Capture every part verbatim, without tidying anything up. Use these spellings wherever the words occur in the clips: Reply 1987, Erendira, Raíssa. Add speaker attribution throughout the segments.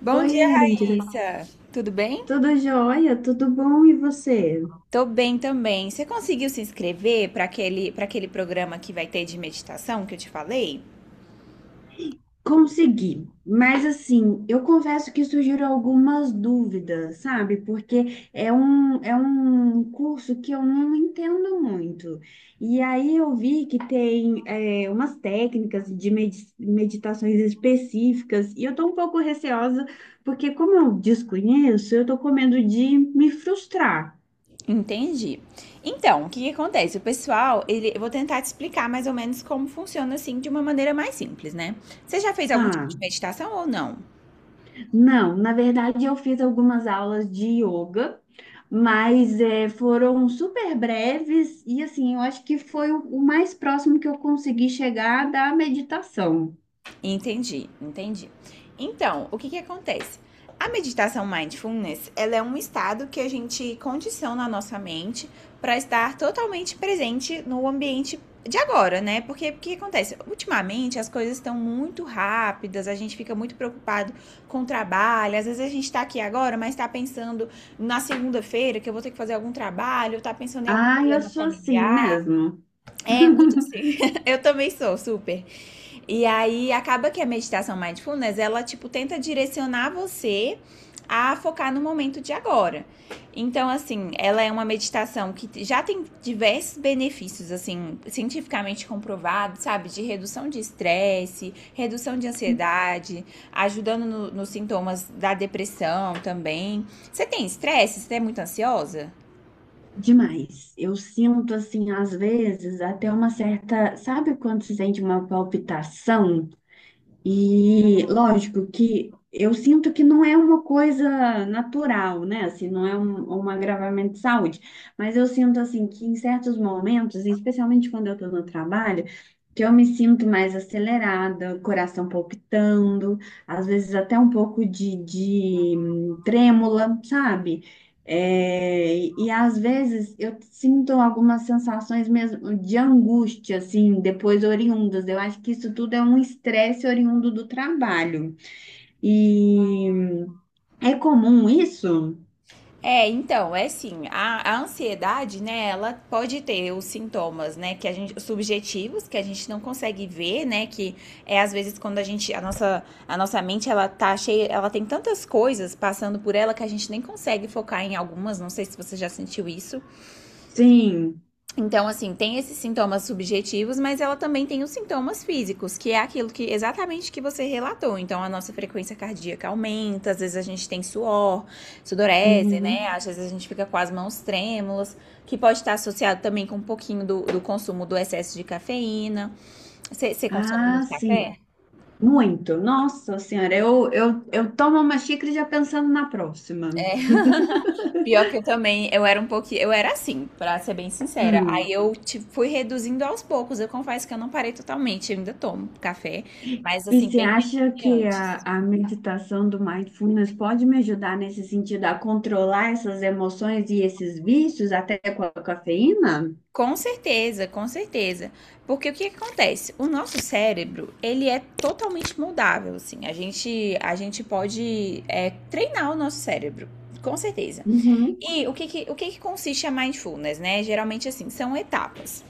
Speaker 1: Bom
Speaker 2: Oi,
Speaker 1: dia,
Speaker 2: Erendira.
Speaker 1: Raíssa. Tudo bem?
Speaker 2: Tudo jóia? Tudo bom? E você?
Speaker 1: Tô bem também. Você conseguiu se inscrever para aquele, para aquele programa que vai ter de meditação que eu te falei?
Speaker 2: Consegui. Mas assim, eu confesso que surgiram algumas dúvidas, sabe? Porque é um, é um curso que eu não entendo muito. E aí eu vi que tem é, umas técnicas de medi- meditações específicas, e eu tô um pouco receosa, porque como eu desconheço, eu tô com medo de me frustrar.
Speaker 1: Entendi. Então, o que que acontece? O pessoal, ele, eu vou tentar te explicar mais ou menos como funciona assim de uma maneira mais simples, né? Você já fez
Speaker 2: Tá.
Speaker 1: algum tipo de meditação ou não?
Speaker 2: Não, na verdade eu fiz algumas aulas de yoga, mas eh, foram super breves e assim, eu acho que foi o, o mais próximo que eu consegui chegar da meditação.
Speaker 1: Entendi, entendi. Então, o que que acontece? A meditação mindfulness, ela é um estado que a gente condiciona a nossa mente para estar totalmente presente no ambiente de agora, né? Porque o que acontece? Ultimamente as coisas estão muito rápidas, a gente fica muito preocupado com o trabalho. Às vezes a gente tá aqui agora, mas tá pensando na segunda-feira que eu vou ter que fazer algum trabalho, tá pensando em algum
Speaker 2: Ah, eu
Speaker 1: problema
Speaker 2: sou assim
Speaker 1: familiar.
Speaker 2: mesmo.
Speaker 1: É, muito assim. Eu também sou, super. E aí acaba que a meditação mindfulness, ela tipo tenta direcionar você a focar no momento de agora. Então, assim, ela é uma meditação que já tem diversos benefícios, assim, cientificamente comprovados, sabe? De redução de estresse, redução de ansiedade, ajudando no, nos sintomas da depressão também. Você tem estresse? Você é muito ansiosa?
Speaker 2: Demais. Eu sinto assim, às vezes, até uma certa. Sabe quando se sente uma palpitação? E lógico que eu sinto que não é uma coisa natural, né? Assim, não é um, um agravamento de saúde, mas eu sinto assim que em certos momentos, especialmente quando eu estou no trabalho, que eu me sinto mais acelerada, coração palpitando, às vezes até um pouco de, de hum, trêmula, sabe? É, e, e às vezes eu sinto algumas sensações mesmo de angústia, assim, depois oriundas. Eu acho que isso tudo é um estresse oriundo do trabalho. E é comum isso?
Speaker 1: É, então, é assim, a, a ansiedade, né, ela pode ter os sintomas, né, que a gente, os subjetivos, que a gente não consegue ver, né, que é às vezes quando a gente, a nossa, a nossa mente, ela tá cheia, ela tem tantas coisas passando por ela que a gente nem consegue focar em algumas, não sei se você já sentiu isso,
Speaker 2: Sim.
Speaker 1: então, assim, tem esses sintomas subjetivos, mas ela também tem os sintomas físicos, que é aquilo que exatamente que você relatou. Então, a nossa frequência cardíaca aumenta, às vezes a gente tem suor, sudorese, né?
Speaker 2: Uhum.
Speaker 1: Às vezes a gente fica com as mãos trêmulas, que pode estar associado também com um pouquinho do, do consumo do excesso de cafeína. Você consome
Speaker 2: Ah,
Speaker 1: muito café?
Speaker 2: sim. Muito. Nossa Senhora, eu, eu, eu tomo uma xícara já pensando na próxima.
Speaker 1: É. Pior que eu também, eu era um pouquinho, eu era assim, pra ser bem sincera. Aí
Speaker 2: Hum.
Speaker 1: eu tipo, fui reduzindo aos poucos. Eu confesso que eu não parei totalmente, eu ainda tomo café, mas
Speaker 2: E
Speaker 1: assim,
Speaker 2: você
Speaker 1: bem menos
Speaker 2: acha
Speaker 1: que
Speaker 2: que a,
Speaker 1: antes.
Speaker 2: a meditação do mindfulness pode me ajudar nesse sentido a controlar essas emoções e esses vícios, até com a cafeína?
Speaker 1: Com certeza, com certeza. Porque o que que acontece? O nosso cérebro, ele é totalmente moldável, assim. A gente, a gente pode é, treinar o nosso cérebro, com certeza.
Speaker 2: Uhum.
Speaker 1: E o que, que- o que, que consiste a mindfulness, né? Geralmente, assim, são etapas.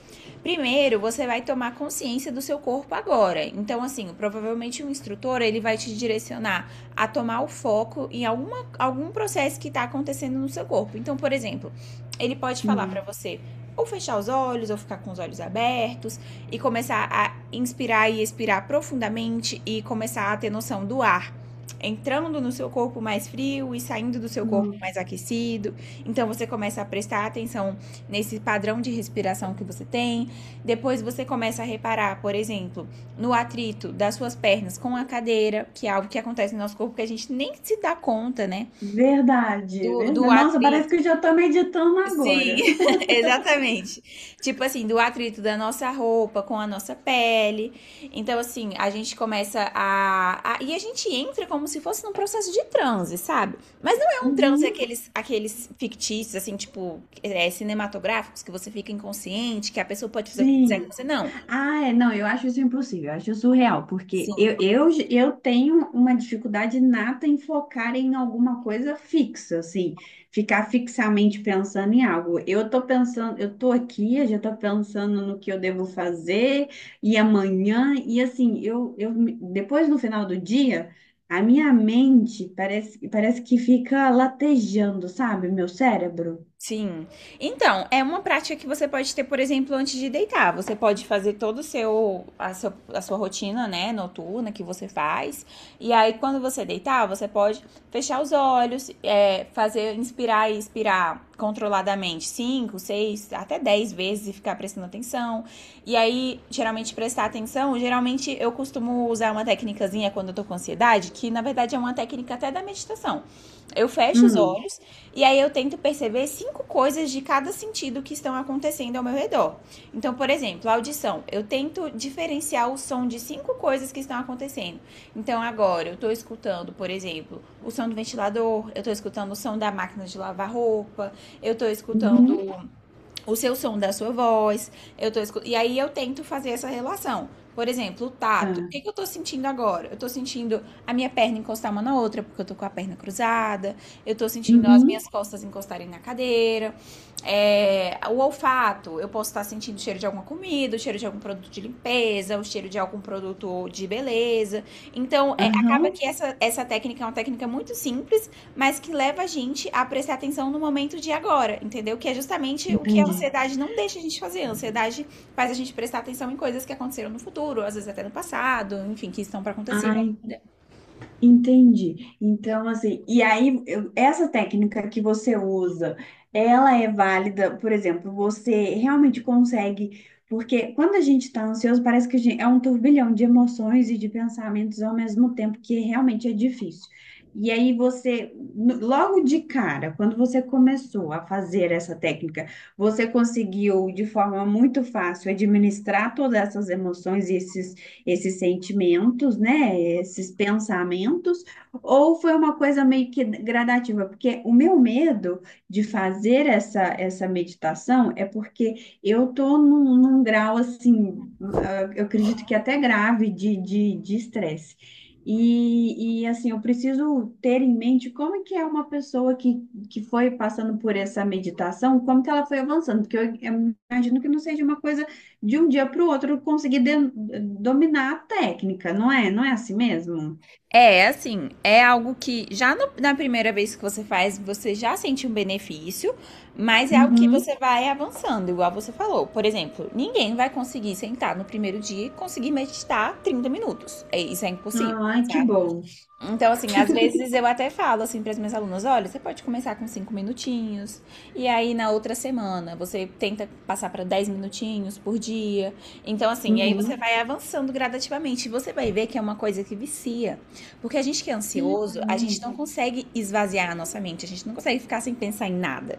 Speaker 1: Primeiro, você vai tomar consciência do seu corpo agora. Então, assim, provavelmente um instrutor, ele vai te direcionar a tomar o foco em alguma, algum processo que está acontecendo no seu corpo. Então, por exemplo, ele pode falar para
Speaker 2: Hum.
Speaker 1: você ou fechar os olhos, ou ficar com os olhos abertos, e começar a inspirar e expirar profundamente, e começar a ter noção do ar entrando no seu corpo mais frio e saindo do seu corpo
Speaker 2: Hum.
Speaker 1: mais aquecido. Então você começa a prestar atenção nesse padrão de respiração que você tem. Depois você começa a reparar, por exemplo, no atrito das suas pernas com a cadeira, que é algo que acontece no nosso corpo que a gente nem se dá conta, né?
Speaker 2: Verdade,
Speaker 1: Do, do
Speaker 2: verdade. Nossa, parece
Speaker 1: atrito
Speaker 2: que eu já estou meditando
Speaker 1: Sim,
Speaker 2: agora.
Speaker 1: exatamente. Tipo assim, do atrito da nossa roupa com a nossa pele. Então, assim, a gente começa a, a- E a gente entra como se fosse num processo de transe, sabe? Mas não é um transe
Speaker 2: Uhum.
Speaker 1: aqueles, aqueles fictícios, assim, tipo, é, cinematográficos, que você fica inconsciente, que a pessoa pode fazer o que quiser com
Speaker 2: Sim.
Speaker 1: você. Não.
Speaker 2: Ah, é, não, eu acho isso impossível, eu acho surreal, porque
Speaker 1: Sim.
Speaker 2: eu, eu, eu tenho uma dificuldade nata em focar em alguma coisa fixa, assim, ficar fixamente pensando em algo. Eu tô pensando, eu tô aqui, eu já tô pensando no que eu devo fazer, e amanhã, e assim, eu, eu me- depois no final do dia, a minha mente parece, parece que fica latejando, sabe, meu cérebro?
Speaker 1: Sim. Então, é uma prática que você pode ter, por exemplo, antes de deitar. Você pode fazer todo o seu a, seu, a sua rotina, né, noturna que você faz. E aí, quando você deitar, você pode fechar os olhos, é, fazer inspirar e expirar controladamente cinco, seis, até dez vezes e ficar prestando atenção. E aí, geralmente prestar atenção, geralmente eu costumo usar uma técnicazinha quando eu tô com ansiedade, que na verdade é uma técnica até da meditação. Eu fecho os
Speaker 2: Hum.
Speaker 1: olhos e aí eu tento perceber cinco coisas de cada sentido que estão acontecendo ao meu redor. Então, por exemplo, a audição. Eu tento diferenciar o som de cinco coisas que estão acontecendo. Então, agora eu estou escutando, por exemplo, o som do ventilador, eu estou escutando o som da máquina de lavar roupa, eu estou
Speaker 2: Uhum.
Speaker 1: escutando o seu som da sua voz. Eu tô escu... E aí eu tento fazer essa relação. Por exemplo, o
Speaker 2: Tá.
Speaker 1: tato. O que, que eu tô sentindo agora? Eu tô sentindo a minha perna encostar uma na outra, porque eu tô com a perna cruzada. Eu tô sentindo as
Speaker 2: Uhum.
Speaker 1: minhas costas encostarem na cadeira. É, o olfato. Eu posso estar sentindo o cheiro de alguma comida, o cheiro de algum produto de limpeza, o cheiro de algum produto de beleza. Então, é, acaba
Speaker 2: Aham.
Speaker 1: que essa, essa técnica é uma técnica muito simples mas que leva a gente a prestar atenção no momento de agora, entendeu? Que é justamente o que a
Speaker 2: Entendi.
Speaker 1: ansiedade não deixa a gente fazer. A ansiedade faz a gente prestar atenção em coisas que aconteceram no futuro, às vezes até no passado, enfim, que estão para acontecer
Speaker 2: Ah, en-
Speaker 1: ainda.
Speaker 2: entendi. Então, assim, e aí, eu- essa técnica que você usa, ela é válida, por exemplo, você realmente consegue, porque quando a gente está ansioso, parece que a gente, é um turbilhão de emoções e de pensamentos ao mesmo tempo, que realmente é difícil. E aí você, no- logo de cara, quando você começou a fazer essa técnica, você conseguiu de forma muito fácil administrar todas essas emoções esses sentimentos, né, esses pensamentos, ou foi uma coisa meio que gradativa? Porque o meu medo de fazer essa, essa meditação é porque eu tô num, num grau assim, ah, eu acredito que até grave de de de estresse. E, e assim, eu preciso ter em mente como é que é uma pessoa que, que foi passando por essa meditação, como que ela foi avançando, porque eu, eu imagino que não seja uma coisa de um dia para o outro conseguir de- dominar a técnica, não é? Não é assim mesmo?
Speaker 1: É, assim, é algo que já no- na primeira vez que você faz, você já sente um benefício, mas é algo que
Speaker 2: Uhum.
Speaker 1: você vai avançando, igual você falou. Por exemplo, ninguém vai conseguir sentar no primeiro dia e conseguir meditar trinta minutos. É, isso é impossível,
Speaker 2: Ai, que
Speaker 1: sabe?
Speaker 2: bom.
Speaker 1: Então, assim, às vezes eu até falo assim para as minhas alunas, olha, você pode começar com cinco minutinhos, e aí na outra semana você tenta passar para dez minutinhos por dia. Então, assim, e aí você
Speaker 2: Uhum.
Speaker 1: vai avançando gradativamente. E você vai ver que é uma coisa que vicia. Porque a gente que é
Speaker 2: Que
Speaker 1: ansioso, a gente
Speaker 2: legal.
Speaker 1: não consegue esvaziar a nossa mente, a gente não consegue ficar sem pensar em nada.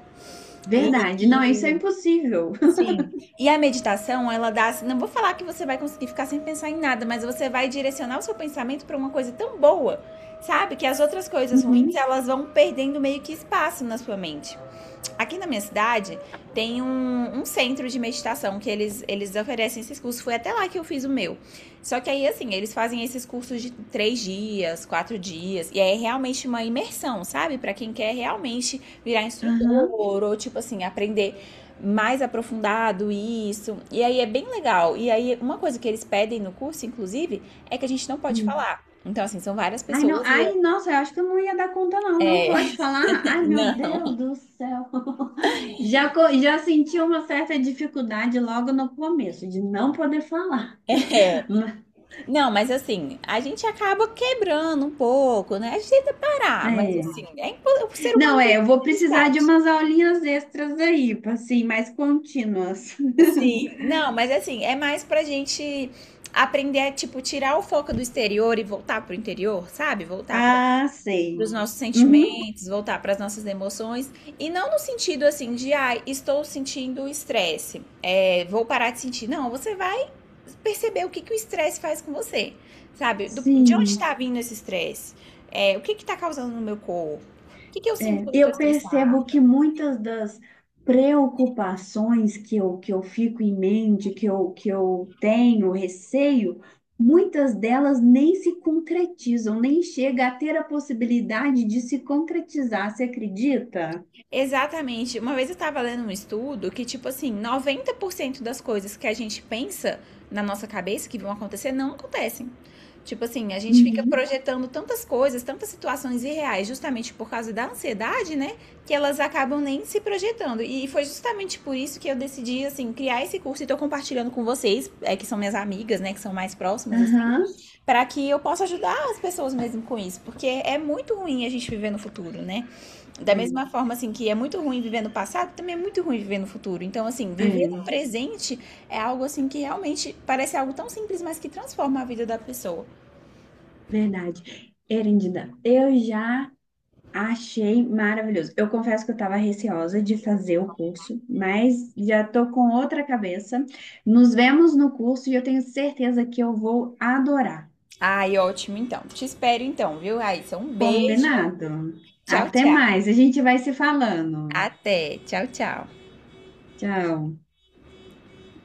Speaker 1: E,
Speaker 2: Verdade. Não, isso é impossível.
Speaker 1: Sim. E a meditação, ela dá, assim, não vou falar que você vai conseguir ficar sem pensar em nada, mas você vai direcionar o seu pensamento para uma coisa tão boa, sabe? Que as outras coisas ruins,
Speaker 2: Uhum.
Speaker 1: elas vão perdendo meio que espaço na sua mente. Aqui na minha cidade tem um, um centro de meditação que eles, eles oferecem esses cursos. Foi até lá que eu fiz o meu. Só que aí, assim, eles fazem esses cursos de três dias, quatro dias. E aí é realmente uma imersão, sabe? Pra quem quer realmente virar
Speaker 2: Aham.
Speaker 1: instrutor ou, tipo assim, aprender mais aprofundado isso. E aí é bem legal. E aí, uma coisa que eles pedem no curso, inclusive, é que a gente não pode
Speaker 2: Hum.
Speaker 1: falar. Então, assim, são várias
Speaker 2: Ai, não.
Speaker 1: pessoas
Speaker 2: Ai,
Speaker 1: e.
Speaker 2: nossa, eu acho que eu não ia dar conta, não. Não pode falar. Ai, meu
Speaker 1: Não,
Speaker 2: Deus do céu. Já, co- já senti uma certa dificuldade logo no começo de não poder falar.
Speaker 1: é.
Speaker 2: Ma-
Speaker 1: Não, mas assim, a gente acaba quebrando um pouco, né? A gente tenta parar, mas assim,
Speaker 2: É.
Speaker 1: é impo- o ser
Speaker 2: Não,
Speaker 1: humano tem
Speaker 2: é, eu
Speaker 1: essa
Speaker 2: vou precisar de
Speaker 1: necessidade.
Speaker 2: umas aulinhas extras aí, assim, mais contínuas.
Speaker 1: Sim, não, mas assim, é mais pra gente aprender a, tipo, tirar o foco do exterior e voltar pro interior, sabe? Voltar pra
Speaker 2: Ah,
Speaker 1: dos
Speaker 2: sei.
Speaker 1: nossos
Speaker 2: Uhum.
Speaker 1: sentimentos, voltar para as nossas emoções e não no sentido assim de ai, estou sentindo estresse, é, vou parar de sentir. Não, você vai perceber o que, que o estresse faz com você, sabe? Do- de onde
Speaker 2: Sim.
Speaker 1: está vindo esse estresse? É, o que está causando no meu corpo? O que, que eu sinto
Speaker 2: É.
Speaker 1: quando eu estou
Speaker 2: Eu
Speaker 1: estressada?
Speaker 2: percebo que muitas das preocupações que eu, que eu fico em mente, que eu, que eu tenho, receio, muitas delas nem se concretizam, nem chega a ter a possibilidade de se concretizar, você acredita?
Speaker 1: Exatamente. Uma vez eu tava lendo um estudo que, tipo assim, noventa por cento das coisas que a gente pensa na nossa cabeça que vão acontecer não acontecem. Tipo assim, a gente fica
Speaker 2: Uhum.
Speaker 1: projetando tantas coisas, tantas situações irreais, justamente por causa da ansiedade, né? Que elas acabam nem se projetando. E foi justamente por isso que eu decidi, assim, criar esse curso e tô compartilhando com vocês, é, que são minhas amigas, né? Que são mais próximas, assim
Speaker 2: Aham.
Speaker 1: para que eu possa ajudar as pessoas mesmo com isso, porque é muito ruim a gente viver no futuro, né? Da
Speaker 2: É,
Speaker 1: mesma forma assim que é muito ruim viver no passado, também é muito ruim viver no futuro. Então assim, viver
Speaker 2: é,
Speaker 1: no presente é algo assim que realmente parece algo tão simples, mas que transforma a vida da pessoa.
Speaker 2: verdade. Erendida, eu já achei maravilhoso. Eu confesso que eu estava receosa de fazer o curso, mas já estou com outra cabeça. Nos vemos no curso e eu tenho certeza que eu vou adorar.
Speaker 1: Ai, ótimo então. Te espero então, viu, Raíssa? Um beijo.
Speaker 2: Combinado?
Speaker 1: Tchau,
Speaker 2: Até
Speaker 1: tchau.
Speaker 2: mais, a gente vai se falando.
Speaker 1: Até. Tchau, tchau.
Speaker 2: Tchau.